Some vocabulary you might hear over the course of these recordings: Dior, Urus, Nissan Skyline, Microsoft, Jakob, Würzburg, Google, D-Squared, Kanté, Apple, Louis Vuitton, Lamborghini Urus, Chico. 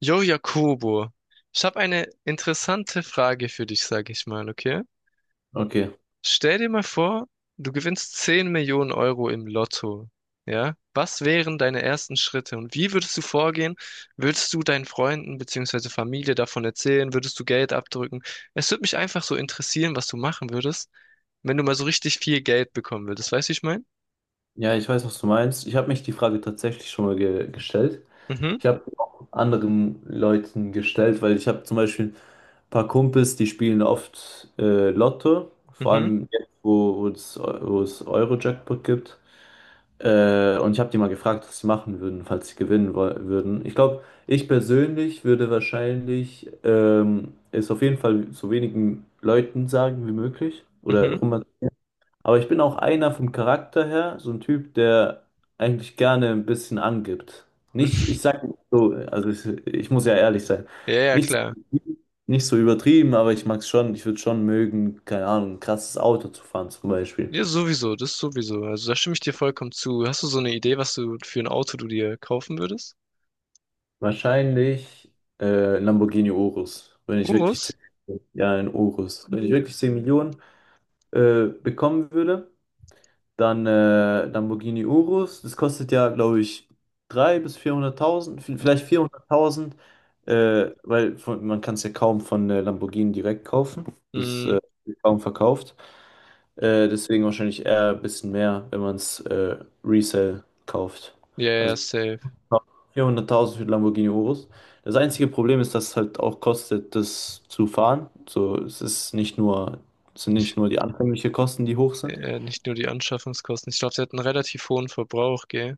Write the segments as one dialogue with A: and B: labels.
A: Jo, Jakobo, ich habe eine interessante Frage für dich, sage ich mal, okay?
B: Okay,
A: Stell dir mal vor, du gewinnst 10 Millionen Euro im Lotto, ja? Was wären deine ersten Schritte und wie würdest du vorgehen? Würdest du deinen Freunden bzw. Familie davon erzählen? Würdest du Geld abdrücken? Es würde mich einfach so interessieren, was du machen würdest, wenn du mal so richtig viel Geld bekommen würdest. Weißt du, wie ich meine?
B: ja, ich weiß, was du meinst. Ich habe mich die Frage tatsächlich schon mal ge gestellt.
A: Mhm,
B: Ich habe auch anderen Leuten gestellt, weil ich habe zum Beispiel ein paar Kumpels, die spielen oft Lotto, vor
A: mhm,
B: allem jetzt, wo es Euro-Jackpot gibt. Und ich habe die mal gefragt, was sie machen würden, falls sie gewinnen würden. Ich glaube, ich persönlich würde wahrscheinlich es auf jeden Fall so wenigen Leuten sagen wie möglich oder
A: mhm.
B: rum. Aber ich bin auch einer vom Charakter her, so ein Typ, der eigentlich gerne ein bisschen angibt.
A: Mhm.
B: Nicht, ich sag nicht so, also ich muss ja ehrlich sein.
A: Ja, ja,
B: Nicht so,
A: klar.
B: nicht so übertrieben, aber ich mag's schon, ich würde schon mögen, keine Ahnung, ein krasses Auto zu fahren zum Beispiel.
A: Ja, sowieso, das sowieso. Also da stimme ich dir vollkommen zu. Hast du so eine Idee, was du für ein Auto du dir kaufen würdest?
B: Wahrscheinlich Lamborghini Urus, wenn ich
A: Urus?
B: wirklich 10, ja, ein Urus. Wenn ich wirklich 10 Millionen bekommen würde. Dann Lamborghini Urus, das kostet ja, glaube ich, 300.000 bis 400.000, vielleicht 400.000, weil von, man kann es ja kaum von Lamborghini direkt kaufen. Das
A: Mm,
B: wird kaum verkauft. Deswegen wahrscheinlich eher ein bisschen mehr, wenn man es Resell kauft.
A: ja, ja,
B: Also
A: safe.
B: 400.000 für den Lamborghini Urus. Das einzige Problem ist, dass es halt auch kostet, das zu fahren. So, es sind nicht nur die anfänglichen Kosten, die hoch sind.
A: Nicht nur die Anschaffungskosten. Ich glaube, sie hat einen relativ hohen Verbrauch, gell?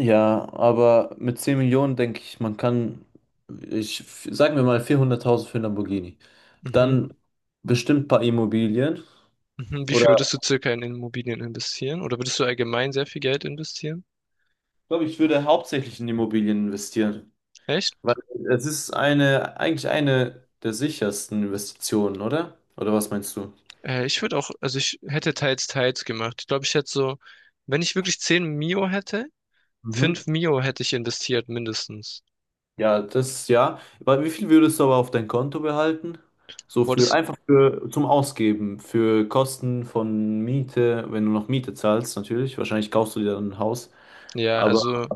B: Ja, aber mit 10 Millionen denke ich, man kann, sagen wir mal 400.000 für einen Lamborghini.
A: Mhm.
B: Dann bestimmt ein paar Immobilien,
A: Mhm. Wie viel
B: oder
A: würdest du circa in Immobilien investieren? Oder würdest du allgemein sehr viel Geld investieren?
B: ich glaube, ich würde hauptsächlich in Immobilien investieren, weil
A: Echt?
B: es ist eine eigentlich eine der sichersten Investitionen, oder? Oder was meinst du?
A: Ich würde auch, also ich hätte teils, teils gemacht. Ich glaube, ich hätte so, wenn ich wirklich 10 Mio. Hätte,
B: Mhm.
A: 5 Mio. Hätte ich investiert, mindestens.
B: Ja, das ja. Weil wie viel würdest du aber auf dein Konto behalten? So
A: Boah,
B: für
A: das,
B: einfach für zum Ausgeben, für Kosten von Miete, wenn du noch Miete zahlst, natürlich. Wahrscheinlich kaufst du dir dann ein Haus.
A: ja,
B: Aber
A: also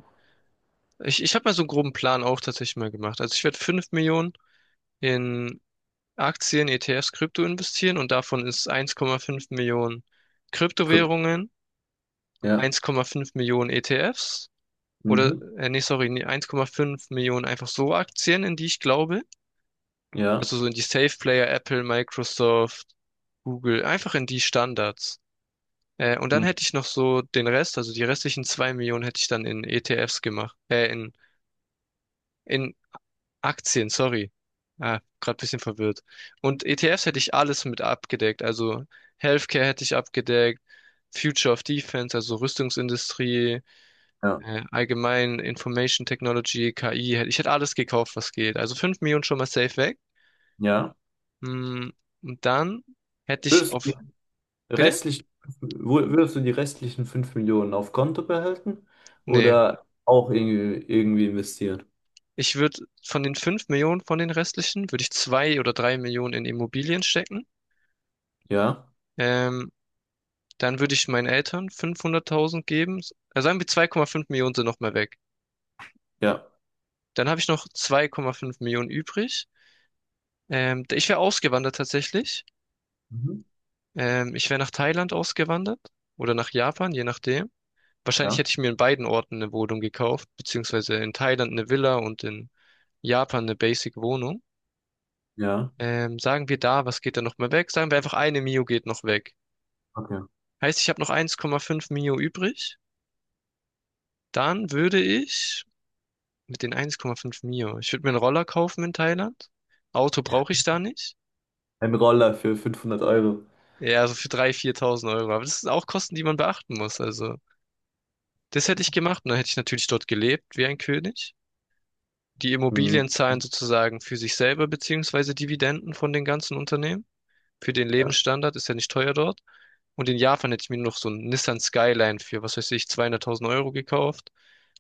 A: ich habe mal so einen groben Plan auch tatsächlich mal gemacht. Also ich werde 5 Millionen in Aktien, ETFs, Krypto investieren und davon ist 1,5 Millionen
B: Krypto,
A: Kryptowährungen,
B: ja.
A: 1,5 Millionen ETFs oder,
B: Mhm.
A: nee, sorry, nee, 1,5 Millionen einfach so Aktien, in die ich glaube.
B: Ja.
A: Also so in die Safe Player, Apple, Microsoft, Google, einfach in die Standards. Und dann
B: Mhm.
A: hätte ich noch so den Rest, also die restlichen 2 Millionen hätte ich dann in ETFs gemacht, in Aktien, sorry. Ah, gerade ein bisschen verwirrt. Und ETFs hätte ich alles mit abgedeckt. Also Healthcare hätte ich abgedeckt, Future of Defense, also Rüstungsindustrie,
B: Ja.
A: allgemein Information Technology, KI. Ich hätte alles gekauft, was geht. Also 5 Millionen schon mal safe weg.
B: Ja.
A: Mm, Und dann hätte ich
B: Würdest du die
A: auf. Bitte?
B: restlichen, Würdest du die restlichen 5 Millionen auf Konto behalten
A: Nee.
B: oder auch irgendwie investieren?
A: Ich würde von den 5 Millionen von den restlichen, würde ich 2 oder 3 Millionen in Immobilien stecken.
B: Ja.
A: Ähm, Dann würde ich meinen Eltern 500.000 geben. Also sagen wir 2,5 Millionen sind noch mal weg.
B: Ja.
A: Dann habe ich noch 2,5 Millionen übrig. Ich wäre ausgewandert tatsächlich.
B: Mhm.
A: Ich wäre nach Thailand ausgewandert oder nach Japan, je nachdem. Wahrscheinlich
B: Ja.
A: hätte ich mir in beiden Orten eine Wohnung gekauft, beziehungsweise in Thailand eine Villa und in Japan eine Basic-Wohnung.
B: Ja.
A: Sagen wir da, was geht da noch mal weg? Sagen wir einfach eine Mio geht noch weg.
B: Okay.
A: Heißt, ich habe noch 1,5 Mio übrig. Dann würde ich Mit den 1,5 Mio. Ich würde mir einen Roller kaufen in Thailand. Auto brauche ich da nicht.
B: Ein Roller für 500 Euro.
A: Ja, also für 3.000, 4.000 Euro. Aber das sind auch Kosten, die man beachten muss. Also, das hätte ich gemacht. Und dann hätte ich natürlich dort gelebt wie ein König. Die
B: Mhm.
A: Immobilien zahlen sozusagen für sich selber, beziehungsweise Dividenden von den ganzen Unternehmen. Für den
B: Ja.
A: Lebensstandard ist ja nicht teuer dort. Und in Japan hätte ich mir noch so einen Nissan Skyline für, was weiß ich, 200.000 Euro gekauft.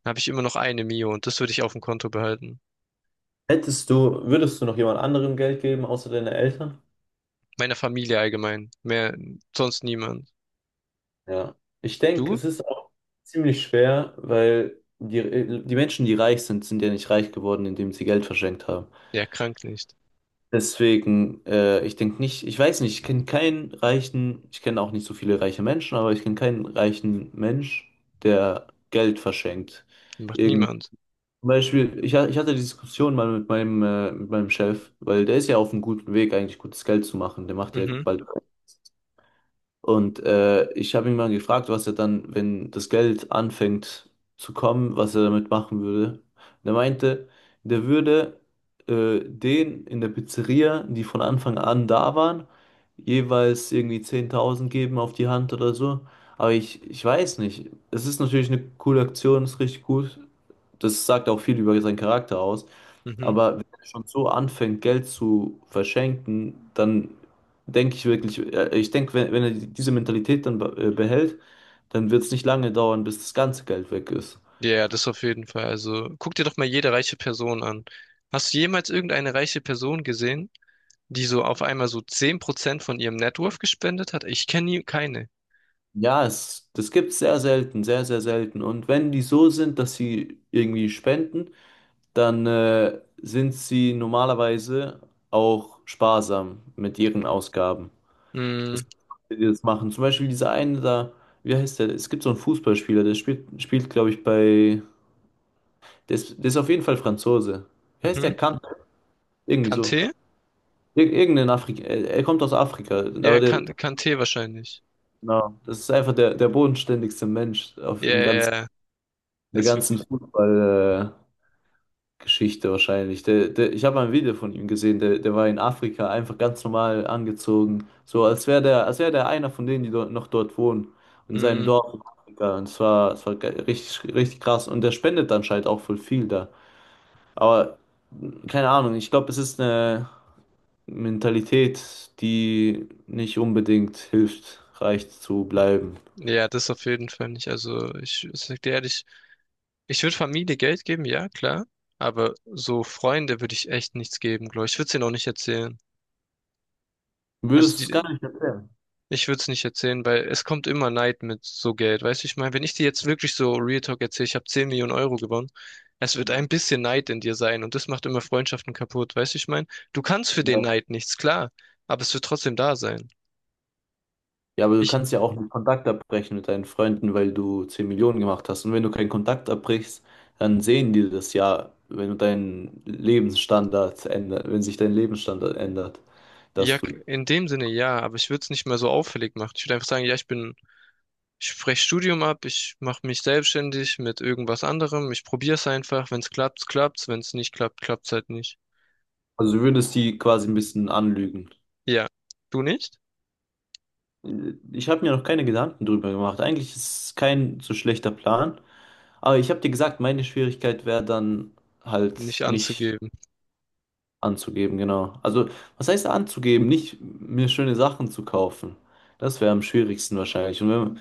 A: Dann habe ich immer noch eine Mio und das würde ich auf dem Konto behalten.
B: Würdest du noch jemand anderem Geld geben, außer deine Eltern?
A: Meiner Familie allgemein. Mehr, sonst niemand.
B: Ja. Ich denke,
A: Du?
B: es ist auch ziemlich schwer, weil die Menschen, die reich sind, sind ja nicht reich geworden, indem sie Geld verschenkt haben.
A: Ja, krank nicht.
B: Deswegen, ich denke nicht, ich weiß nicht, ich kenne keinen reichen, ich kenne auch nicht so viele reiche Menschen, aber ich kenne keinen reichen Mensch, der Geld verschenkt.
A: Macht
B: Irgend,
A: niemand.
B: Zum Beispiel, ich hatte die Diskussion mal mit meinem Chef, weil der ist ja auf einem guten Weg, eigentlich gutes Geld zu machen. Der macht ja
A: Mhm,
B: bald, und ich habe ihn mal gefragt, was er dann, wenn das Geld anfängt zu kommen, was er damit machen würde. Und er meinte, der würde den in der Pizzeria, die von Anfang an da waren, jeweils irgendwie 10.000 geben auf die Hand oder so. Aber ich weiß nicht. Es ist natürlich eine coole Aktion, ist richtig gut. Das sagt auch viel über seinen Charakter aus.
A: mhm.
B: Aber wenn er schon so anfängt, Geld zu verschenken, dann denke ich wirklich, ich denke, wenn er diese Mentalität dann behält, dann wird es nicht lange dauern, bis das ganze Geld weg ist.
A: Ja, das auf jeden Fall. Also guck dir doch mal jede reiche Person an. Hast du jemals irgendeine reiche Person gesehen, die so auf einmal so 10 % von ihrem Net Worth gespendet hat? Ich kenne nie keine.
B: Ja, das gibt es sehr selten, sehr, sehr selten. Und wenn die so sind, dass sie irgendwie spenden, dann sind sie normalerweise auch sparsam mit ihren Ausgaben. Es
A: Mhm,
B: gibt Leute, die das machen. Zum Beispiel dieser eine da, wie heißt der? Es gibt so einen Fußballspieler, der spielt glaube ich, bei. Der ist auf jeden Fall Franzose. Wie heißt
A: mhm.
B: der Kant? Irgendwie so.
A: Kanté?
B: Ir Irgendein Afrika. Er kommt aus Afrika.
A: Ja,
B: Aber der,
A: kan Kanté wahrscheinlich.
B: genau, das ist einfach der bodenständigste Mensch auf,
A: Ja,
B: im
A: ja,
B: ganzen,
A: ja.
B: der
A: Das ist
B: ganzen
A: wirklich.
B: Fußball, Geschichte wahrscheinlich. Ich habe ein Video von ihm gesehen, der war in Afrika einfach ganz normal angezogen. So als wäre der einer von denen, die dort, noch dort wohnen. In seinem
A: Mhm.
B: Dorf in Afrika. Und es war richtig, richtig krass. Und der spendet anscheinend auch voll viel da. Aber keine Ahnung, ich glaube, es ist eine Mentalität, die nicht unbedingt hilft, reich zu bleiben.
A: Ja, das auf jeden Fall nicht. Also ich sag dir ehrlich, ich würde Familie Geld geben, ja, klar. Aber so Freunde würde ich echt nichts geben, glaube ich. Ich würde es ihnen auch nicht erzählen. Also
B: Würdest du es gar
A: die,
B: nicht erklären.
A: Ich würde es nicht erzählen, weil es kommt immer Neid mit so Geld. Weißt du, ich meine, wenn ich dir jetzt wirklich so Real Talk erzähle, ich habe 10 Millionen Euro gewonnen, es wird ein bisschen Neid in dir sein und das macht immer Freundschaften kaputt. Weißt du, ich meine, du kannst für den
B: Ja.
A: Neid nichts, klar, aber es wird trotzdem da sein.
B: Ja, aber du
A: Ich,
B: kannst ja auch einen Kontakt abbrechen mit deinen Freunden, weil du 10 Millionen gemacht hast. Und wenn du keinen Kontakt abbrichst, dann sehen die das ja, wenn du deinen Lebensstandard ändert, wenn sich dein Lebensstandard ändert, dass
A: ja,
B: du,
A: in dem Sinne ja, aber ich würde es nicht mehr so auffällig machen. Ich würde einfach sagen, ja, ich bin, ich breche Studium ab, ich mache mich selbstständig mit irgendwas anderem, ich probiere es einfach. Wenn es klappt, klappt's, wenn es nicht klappt, klappt's halt nicht.
B: also du würdest die quasi ein bisschen anlügen.
A: Ja, du nicht?
B: Ich habe mir noch keine Gedanken drüber gemacht. Eigentlich ist es kein so schlechter Plan. Aber ich habe dir gesagt, meine Schwierigkeit wäre dann halt
A: Nicht
B: nicht
A: anzugeben.
B: anzugeben, genau. Also, was heißt anzugeben? Nicht mir schöne Sachen zu kaufen. Das wäre am schwierigsten wahrscheinlich. Und wenn,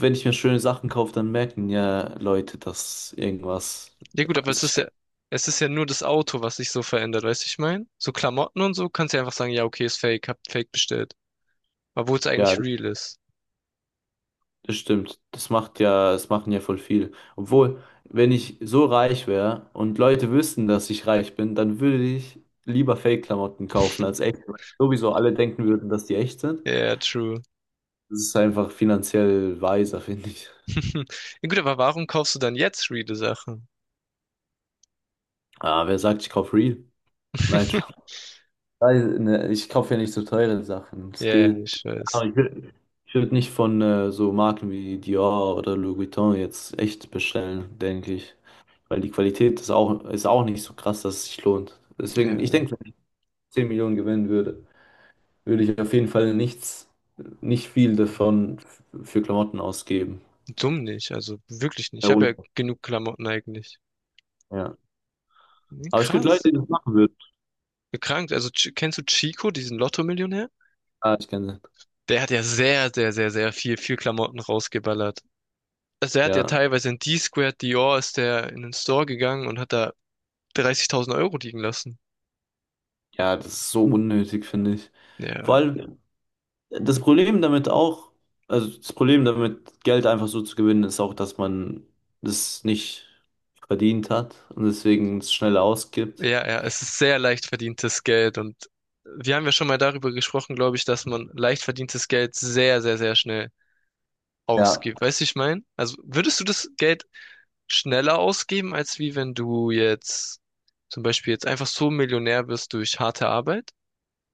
B: wenn ich mir schöne Sachen kaufe, dann merken ja Leute, dass irgendwas.
A: Ja gut, aber
B: Also,
A: es ist ja nur das Auto, was sich so verändert, weißt du, ich meine? So Klamotten und so kannst du ja einfach sagen, ja, okay, ist fake, hab fake bestellt. Obwohl es
B: ja,
A: eigentlich real ist.
B: das stimmt. Das machen ja voll viel. Obwohl, wenn ich so reich wäre und Leute wüssten, dass ich reich bin, dann würde ich lieber Fake-Klamotten kaufen als echt. Sowieso alle denken würden, dass die echt sind.
A: Ja, true.
B: Das ist einfach finanziell weiser, finde ich.
A: Ja gut, aber warum kaufst du dann jetzt reale Sachen?
B: Ah, wer sagt, ich kaufe Real? Nein, Spaß. Nein, ne, ich kaufe ja nicht so teure Sachen. Es
A: Ja,
B: geht.
A: ich weiß.
B: Aber ich würd nicht von so Marken wie Dior oder Louis Vuitton jetzt echt bestellen, denke ich. Weil die Qualität ist auch nicht so krass, dass es sich lohnt.
A: Ja,
B: Deswegen, ich denke, wenn ich 10 Millionen gewinnen würde, würde ich auf jeden Fall nichts, nicht viel davon für Klamotten ausgeben.
A: dumm nicht, also wirklich nicht. Ich
B: Ja,
A: habe ja
B: und?
A: genug Klamotten eigentlich.
B: Ja.
A: Nee,
B: Aber es gibt Leute,
A: krass.
B: die das machen würden.
A: Gekrankt. Also kennst du Chico, diesen Lotto-Millionär?
B: Ah, ich kenne sie.
A: Der hat ja sehr, sehr, sehr, sehr viel, viel Klamotten rausgeballert. Also er hat ja
B: Ja.
A: teilweise in D-Squared Dior ist der in den Store gegangen und hat da 30.000 Euro liegen lassen.
B: Ja, das ist so unnötig, finde ich. Vor
A: Ja,
B: allem das Problem damit auch, also das Problem damit, Geld einfach so zu gewinnen, ist auch, dass man das nicht verdient hat und deswegen es schneller ausgibt.
A: ja, ja, es ist sehr leicht verdientes Geld und wir haben ja schon mal darüber gesprochen, glaube ich, dass man leicht verdientes Geld sehr, sehr, sehr schnell
B: Ja,
A: ausgibt. Weißt du, ich meine? Also würdest du das Geld schneller ausgeben, als wie wenn du jetzt zum Beispiel jetzt einfach so Millionär wirst durch harte Arbeit?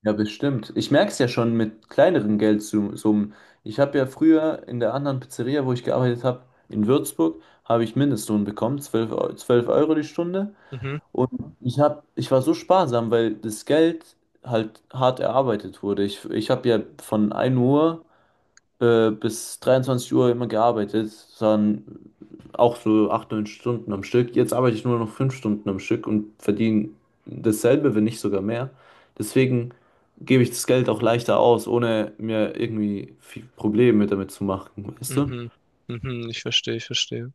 B: ja, bestimmt. Ich merke es ja schon mit kleineren Geldsummen. Ich habe ja früher in der anderen Pizzeria, wo ich gearbeitet habe, in Würzburg, habe ich Mindestlohn bekommen, 12 Euro die Stunde.
A: Mhm,
B: Und ich war so sparsam, weil das Geld halt hart erarbeitet wurde. Ich habe ja von 1 Uhr bis 23 Uhr immer gearbeitet, dann auch so 8 9 Stunden am Stück. Jetzt arbeite ich nur noch 5 Stunden am Stück und verdiene dasselbe, wenn nicht sogar mehr. Deswegen gebe ich das Geld auch leichter aus, ohne mir irgendwie viel Probleme damit zu machen, weißt du?
A: mhm, mhm, ich verstehe, ich verstehe.